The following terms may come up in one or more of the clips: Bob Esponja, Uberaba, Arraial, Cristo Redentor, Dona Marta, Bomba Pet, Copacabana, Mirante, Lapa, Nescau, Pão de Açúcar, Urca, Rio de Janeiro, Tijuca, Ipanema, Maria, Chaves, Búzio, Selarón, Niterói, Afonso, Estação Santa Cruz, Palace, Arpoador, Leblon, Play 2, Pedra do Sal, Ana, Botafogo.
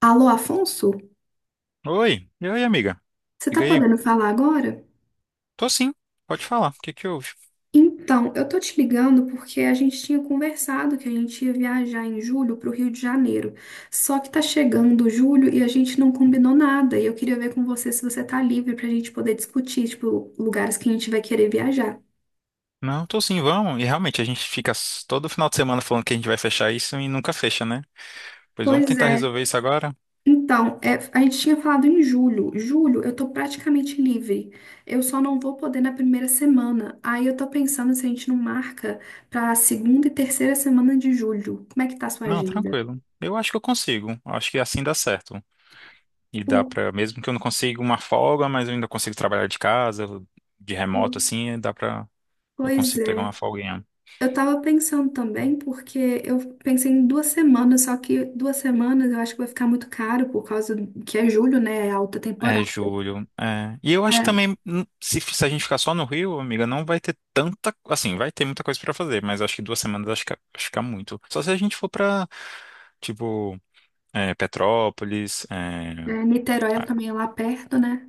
Alô, Afonso? Oi, e aí, amiga? Você tá Liga aí. podendo falar agora? Tô sim, pode falar. O que que houve? Então, eu tô te ligando porque a gente tinha conversado que a gente ia viajar em julho pro Rio de Janeiro. Só que tá chegando julho e a gente não combinou nada. E eu queria ver com você se você tá livre pra gente poder discutir, tipo, lugares que a gente vai querer viajar. Não, tô sim, vamos. E realmente, a gente fica todo final de semana falando que a gente vai fechar isso e nunca fecha, né? Pois vamos Pois tentar é. resolver isso agora? Então, a gente tinha falado em julho. Julho, eu tô praticamente livre. Eu só não vou poder na primeira semana. Aí eu tô pensando se a gente não marca pra segunda e terceira semana de julho. Como é que tá a sua Não, agenda? tranquilo. Eu acho que eu consigo. Acho que assim dá certo. E dá Por- pra, mesmo que eu não consiga uma folga, mas eu ainda consigo trabalhar de casa, de remoto, por- assim, dá pra, eu Pois consigo pegar é. uma folga. Eu tava pensando também, porque eu pensei em duas semanas, só que duas semanas eu acho que vai ficar muito caro por causa que é julho, né? É alta É, temporada. julho. É. E eu acho que É, também, se a gente ficar só no Rio, amiga, não vai ter tanta. Assim, vai ter muita coisa pra fazer, mas acho que duas semanas acho que é muito. Só se a gente for pra, tipo, é, Petrópolis. É, Niterói a- também é lá perto, né?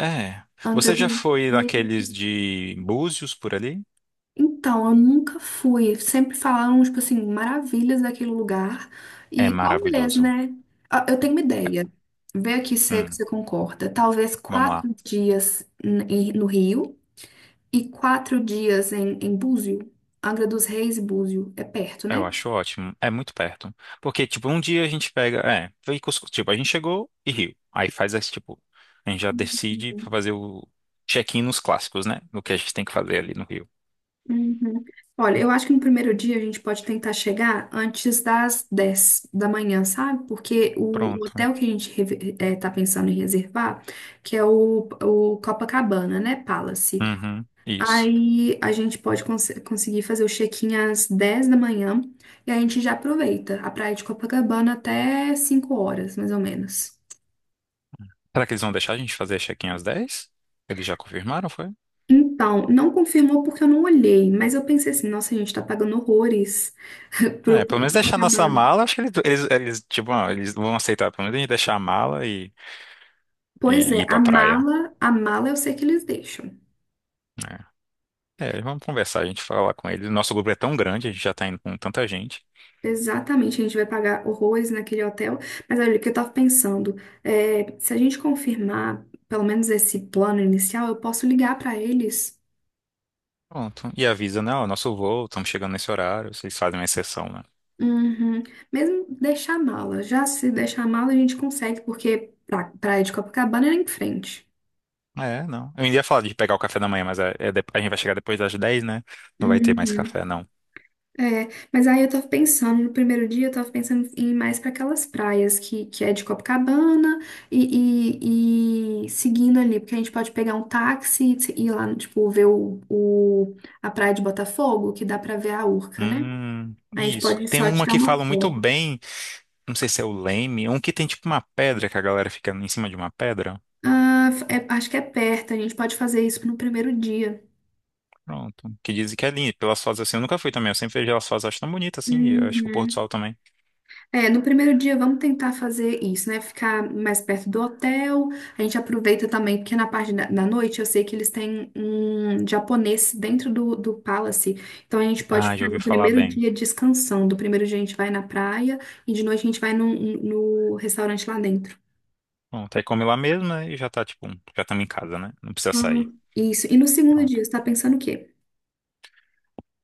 é. Angra Você já dos foi naqueles Reis. de Búzios por ali? Então, eu nunca fui. Sempre falaram, tipo assim, maravilhas daquele lugar. É E talvez, maravilhoso. né? Ah, eu tenho uma ideia. Vê aqui se é que Hum, você concorda. Talvez vamos lá. quatro dias no Rio e quatro dias em Búzio. Angra dos Reis e Búzio. É perto, Eu né? acho ótimo. É muito perto. Porque, tipo, um dia a gente pega. É, foi Cusco. Tipo, a gente chegou e Rio. Aí faz esse, tipo. A gente já decide pra fazer o check-in nos clássicos, né? No que a gente tem que fazer ali no Rio. Uhum. Olha, eu acho que no primeiro dia a gente pode tentar chegar antes das 10 da manhã, sabe? Porque o Pronto. hotel que a gente tá pensando em reservar, que é o Copacabana, né? Palace. Uhum. Isso. Aí a gente pode conseguir fazer o check-in às 10 da manhã e a gente já aproveita a praia de Copacabana até 5 horas, mais ou menos. Será que eles vão deixar a gente fazer check-in às 10? Eles já confirmaram, foi? Então, não confirmou porque eu não olhei, mas eu pensei assim, nossa, a gente tá pagando horrores É, pro, pelo pro, menos deixar nossa mala, acho que eles, tipo, ah, eles vão aceitar, pelo menos a gente deixar a mala e pois é, ir pra praia. A mala eu sei que eles deixam. Né? É, vamos conversar, a gente fala com eles. Nosso grupo é tão grande, a gente já tá indo com tanta gente. Exatamente, a gente vai pagar horrores naquele hotel. Mas olha, o que eu tava pensando, é, se a gente confirmar pelo menos esse plano inicial, eu posso ligar pra eles. Pronto. E avisa, né? Ó, nosso voo, estamos chegando nesse horário, vocês fazem uma exceção, né? Uhum. Mesmo deixar a mala. Já se deixar a mala, a gente consegue, porque pra Praia de Copacabana é em frente. É, não. Eu ainda ia falar de pegar o café da manhã, mas a gente vai chegar depois das 10, né? Não vai ter mais Uhum. café, não. É, mas aí eu tava pensando, no primeiro dia eu tava pensando em ir mais pra aquelas praias que, é de Copacabana e seguindo ali, porque a gente pode pegar um táxi e ir lá, tipo, ver o, a praia de Botafogo, que dá pra ver a Urca, né? A gente Isso. pode Tem só uma tirar que uma fala muito foto. bem, não sei se é o Leme, um que tem tipo uma pedra, que a galera fica em cima de uma pedra. Ah, é- acho que é perto, a gente pode fazer isso no primeiro dia. Pronto. Que dizem que é lindo, pelas fotos assim. Eu nunca fui também, eu sempre vejo elas fotos, acho tão bonita assim, e eu acho que o pôr do Uhum. sol também. É, no primeiro dia vamos tentar fazer isso, né? Ficar mais perto do hotel. A gente aproveita também, porque na parte da noite eu sei que eles têm um japonês dentro do Palace. Então a gente pode Ah, já ficar ouvi no falar primeiro bem. dia descansando. O primeiro dia a gente vai na praia e de noite a gente vai no no, restaurante lá dentro. Pronto, aí come lá mesmo, né? E já tá, tipo, já estamos em casa, né? Não precisa sair. Uhum. Isso. E no segundo Pronto. dia, você tá pensando o quê?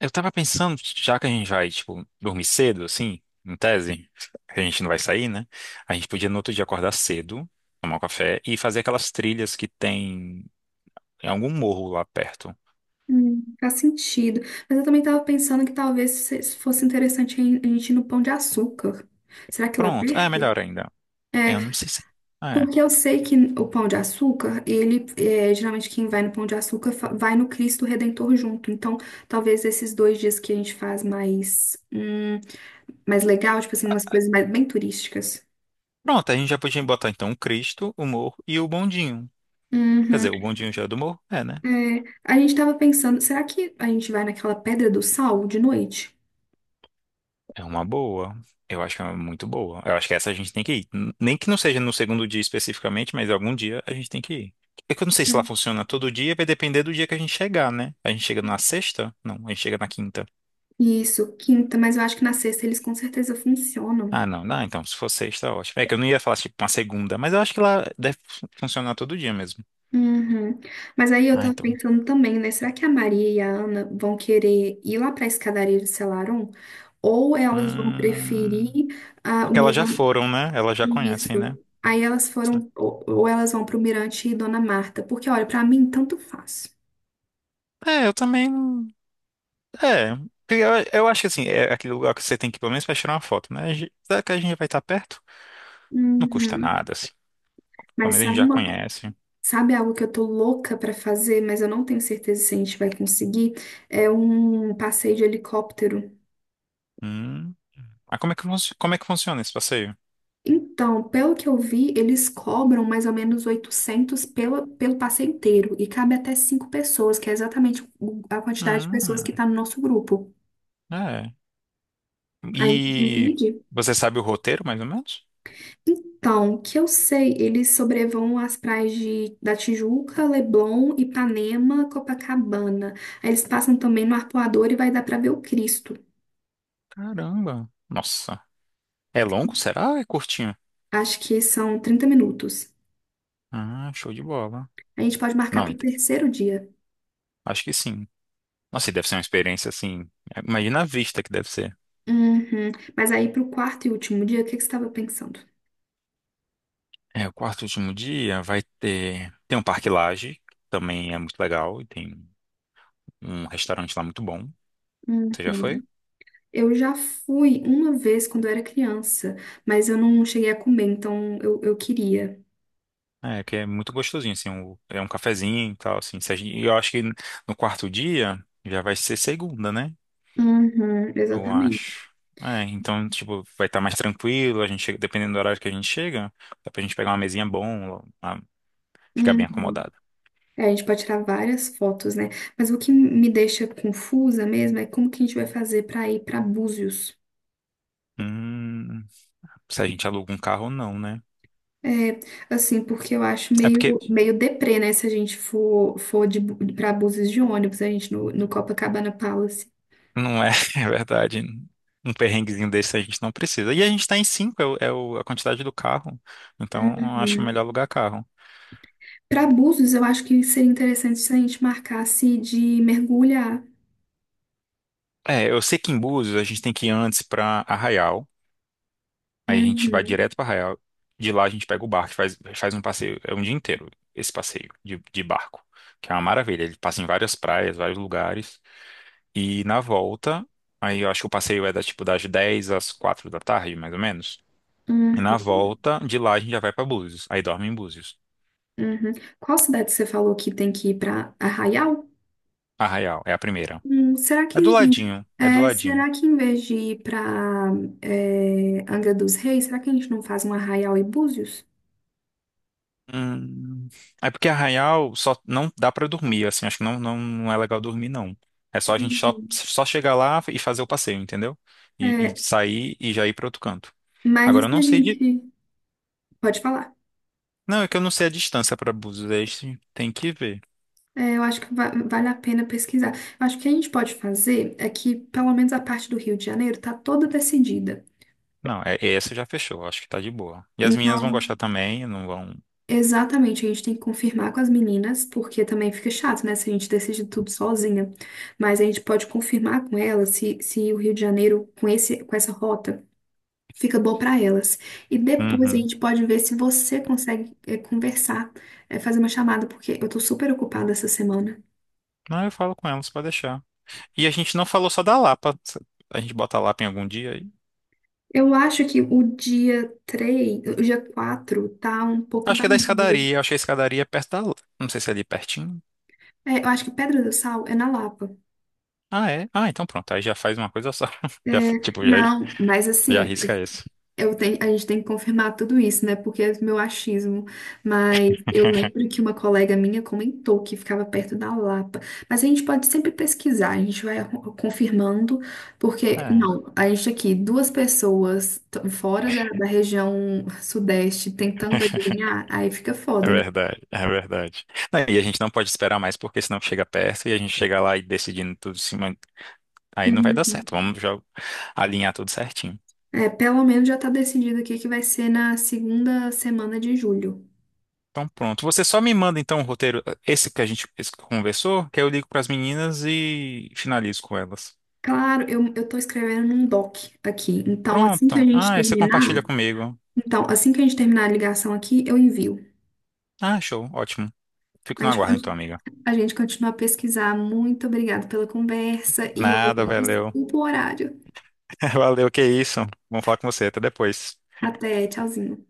Eu tava pensando, já que a gente vai, tipo, dormir cedo, assim, em tese, a gente não vai sair, né? A gente podia no outro dia acordar cedo, tomar um café e fazer aquelas trilhas que tem em algum morro lá perto. Faz sentido. Mas eu também tava pensando que talvez se fosse interessante a gente ir no Pão de Açúcar. Será que lá Pronto. É, perto? melhor ainda. É, Eu não sei se. É. É. porque eu sei que o Pão de Açúcar, ele é, geralmente quem vai no Pão de Açúcar vai no Cristo Redentor junto. Então, talvez esses dois dias que a gente faz mais, mais legal, tipo assim, umas coisas mais, bem turísticas. Pronto, a gente já podia botar então o Cristo, o morro e o bondinho. Quer Uhum. dizer, o bondinho já é do morro? É, né? É, a gente tava pensando, será que a gente vai naquela Pedra do Sal de noite? É uma boa. Eu acho que é muito boa. Eu acho que essa a gente tem que ir. Nem que não seja no segundo dia especificamente, mas algum dia a gente tem que ir. É que eu não sei se lá É. funciona todo dia, vai depender do dia que a gente chegar, né? A gente chega na sexta? Não, a gente chega na quinta. Isso, quinta, mas eu acho que na sexta eles com certeza funcionam. Ah, não, não, então se for sexta, ótimo. É que eu não ia falar tipo uma segunda, mas eu acho que lá deve funcionar todo dia mesmo. Uhum. Mas aí eu Ah, tava então. pensando também, né? Será que a Maria e a Ana vão querer ir lá pra escadaria de Selarón? Ou elas vão Hum... preferir ah, o Porque elas já Mirante? foram, né? Elas já conhecem, Isso. né? Aí elas foram, ou elas vão pro Mirante e Dona Marta. Porque, olha, pra mim, tanto faz. É, eu também. É, porque eu acho que assim, é aquele lugar que você tem que ir pelo menos pra tirar uma foto, né? Será que a gente vai estar perto? Não custa Uhum. nada, assim. Pelo Mas menos a gente sabe já conhece. sabe algo que eu tô louca pra fazer, mas eu não tenho certeza se a gente vai conseguir? É um passeio de helicóptero. Hum. Ah, como é que, como é que funciona esse passeio? Então, pelo que eu vi, eles cobram mais ou menos 800 pela, pelo passeio inteiro e cabe até cinco pessoas, que é exatamente a quantidade de pessoas Hum, que está no nosso grupo. é. A gente E divide. você sabe o roteiro, mais ou menos? Então, o que eu sei, eles sobrevoam as praias da Tijuca, Leblon, Ipanema, Copacabana. Aí eles passam também no Arpoador e vai dar para ver o Cristo. Caramba. Nossa. É longo, será? Ou é curtinho? Acho que são 30 minutos. Ah, show de bola. A gente pode marcar Não, para o terceiro dia. acho que sim. Nossa, e deve ser uma experiência assim. É, Imagina a vista que deve ser. Uhum. Mas aí para o quarto e último dia, o que que você estava pensando? É, o quarto e último dia vai ter. Tem um parque Lage, que também é muito legal, e tem um restaurante lá muito bom. Você já foi? Uhum. Eu já fui uma vez quando eu era criança, mas eu não cheguei a comer, então eu queria. É, que é muito gostosinho, assim, é um cafezinho e tal, assim. Se a gente- E eu acho que no quarto dia já vai ser segunda, né? Uhum, Eu exatamente. acho. É, então, tipo, vai estar mais tranquilo, dependendo do horário que a gente chega, dá pra gente pegar uma mesinha bom, lá, ficar bem Uhum. acomodado. É, a gente pode tirar várias fotos, né? Mas o que me deixa confusa mesmo é como que a gente vai fazer pra ir pra Búzios. Hum, se a gente aluga um carro, não, né? É, assim, porque eu acho É porque meio, meio deprê, né? Se a gente for pra Búzios de ônibus, a gente no Copacabana Palace. Não é, é verdade. Um perrenguezinho desse a gente não precisa. E a gente tá em 5, é a quantidade do carro. Então, eu acho melhor Uhum. alugar carro. Para búzios, eu acho que seria interessante se a gente marcasse de mergulhar. É, eu sei que em Búzios a gente tem que ir antes pra Arraial. Aí a gente vai Uhum, direto pra Arraial. De lá a gente pega o barco, faz um passeio. É um dia inteiro esse passeio de barco, que é uma maravilha. Ele passa em várias praias, vários lugares. E na volta, aí eu acho que o passeio é da, tipo, das 10 às 4 da tarde, mais ou menos. E na uhum, volta, de lá a gente já vai pra Búzios. Aí dorme em Búzios. uhum. Qual cidade você falou que tem que ir para Arraial? Arraial, é a primeira. Hum, será É do que ladinho, é do ladinho. será que em vez de ir para Angra dos Reis, será que a gente não faz um Arraial e Búzios? Hum, é porque Arraial só não dá pra dormir, assim, acho que não é legal dormir, não. É só a gente só, Uhum. só chegar lá e fazer o passeio, entendeu? E É, sair e já ir pra outro canto. mas Agora eu isso não a sei de. gente pode falar. Não, é que eu não sei a distância pra Búzios, aí sim, tem que ver. É, eu acho que vale a pena pesquisar. Eu acho que o que a gente pode fazer é que, pelo menos, a parte do Rio de Janeiro está toda decidida. Não, é, essa já fechou, acho que tá de boa. E as meninas vão Então, gostar também, não vão. exatamente, a gente tem que confirmar com as meninas, porque também fica chato, né, se a gente decide tudo sozinha. Mas a gente pode confirmar com elas se, se o Rio de Janeiro, com esse, com essa rota, fica bom para elas. E depois a Uhum. gente pode ver se você consegue, conversar, fazer uma chamada, porque eu tô super ocupada essa semana. Não, eu falo com elas, pode deixar. E a gente não falou só da Lapa. A gente bota a Lapa em algum dia. Eu acho que o dia 3, o dia 4 tá um pouco Acho que é da vazio. escadaria. Eu achei a escadaria é perto da. Não sei se é ali pertinho. É, eu acho que Pedra do Sal é na Lapa. Ah, é? Ah, então pronto. Aí já faz uma coisa só. É, Já, tipo, já, não, mas já assim, arrisca isso. eu tenho, a gente tem que confirmar tudo isso, né? Porque é meu achismo. Mas eu lembro que uma colega minha comentou que ficava perto da Lapa. Mas a gente pode sempre pesquisar, a gente vai confirmando, porque, É, não, a gente aqui, duas pessoas fora da região sudeste tentando adivinhar, aí fica é foda, né? verdade, é verdade. Não, e a gente não pode esperar mais, porque senão chega perto e a gente chega lá e decidindo tudo em cima. Aí não vai dar certo. Uhum. Vamos já alinhar tudo certinho. É, pelo menos já tá decidido aqui que vai ser na segunda semana de julho. Então pronto. Você só me manda então o roteiro, esse que a gente esse que conversou, que aí eu ligo pras meninas e finalizo com elas. Claro, eu tô escrevendo num doc aqui. Então, assim que a Pronto. gente Ah, aí você compartilha terminar. comigo. Então, assim que a gente terminar a ligação aqui, eu envio. Ah, show. Ótimo. Fico A no gente, aguardo então, amiga. a gente continua a pesquisar. Muito obrigada pela conversa e olha, Nada, valeu. desculpa o horário. Valeu, que isso. Vamos falar com você. Até depois. Até, tchauzinho.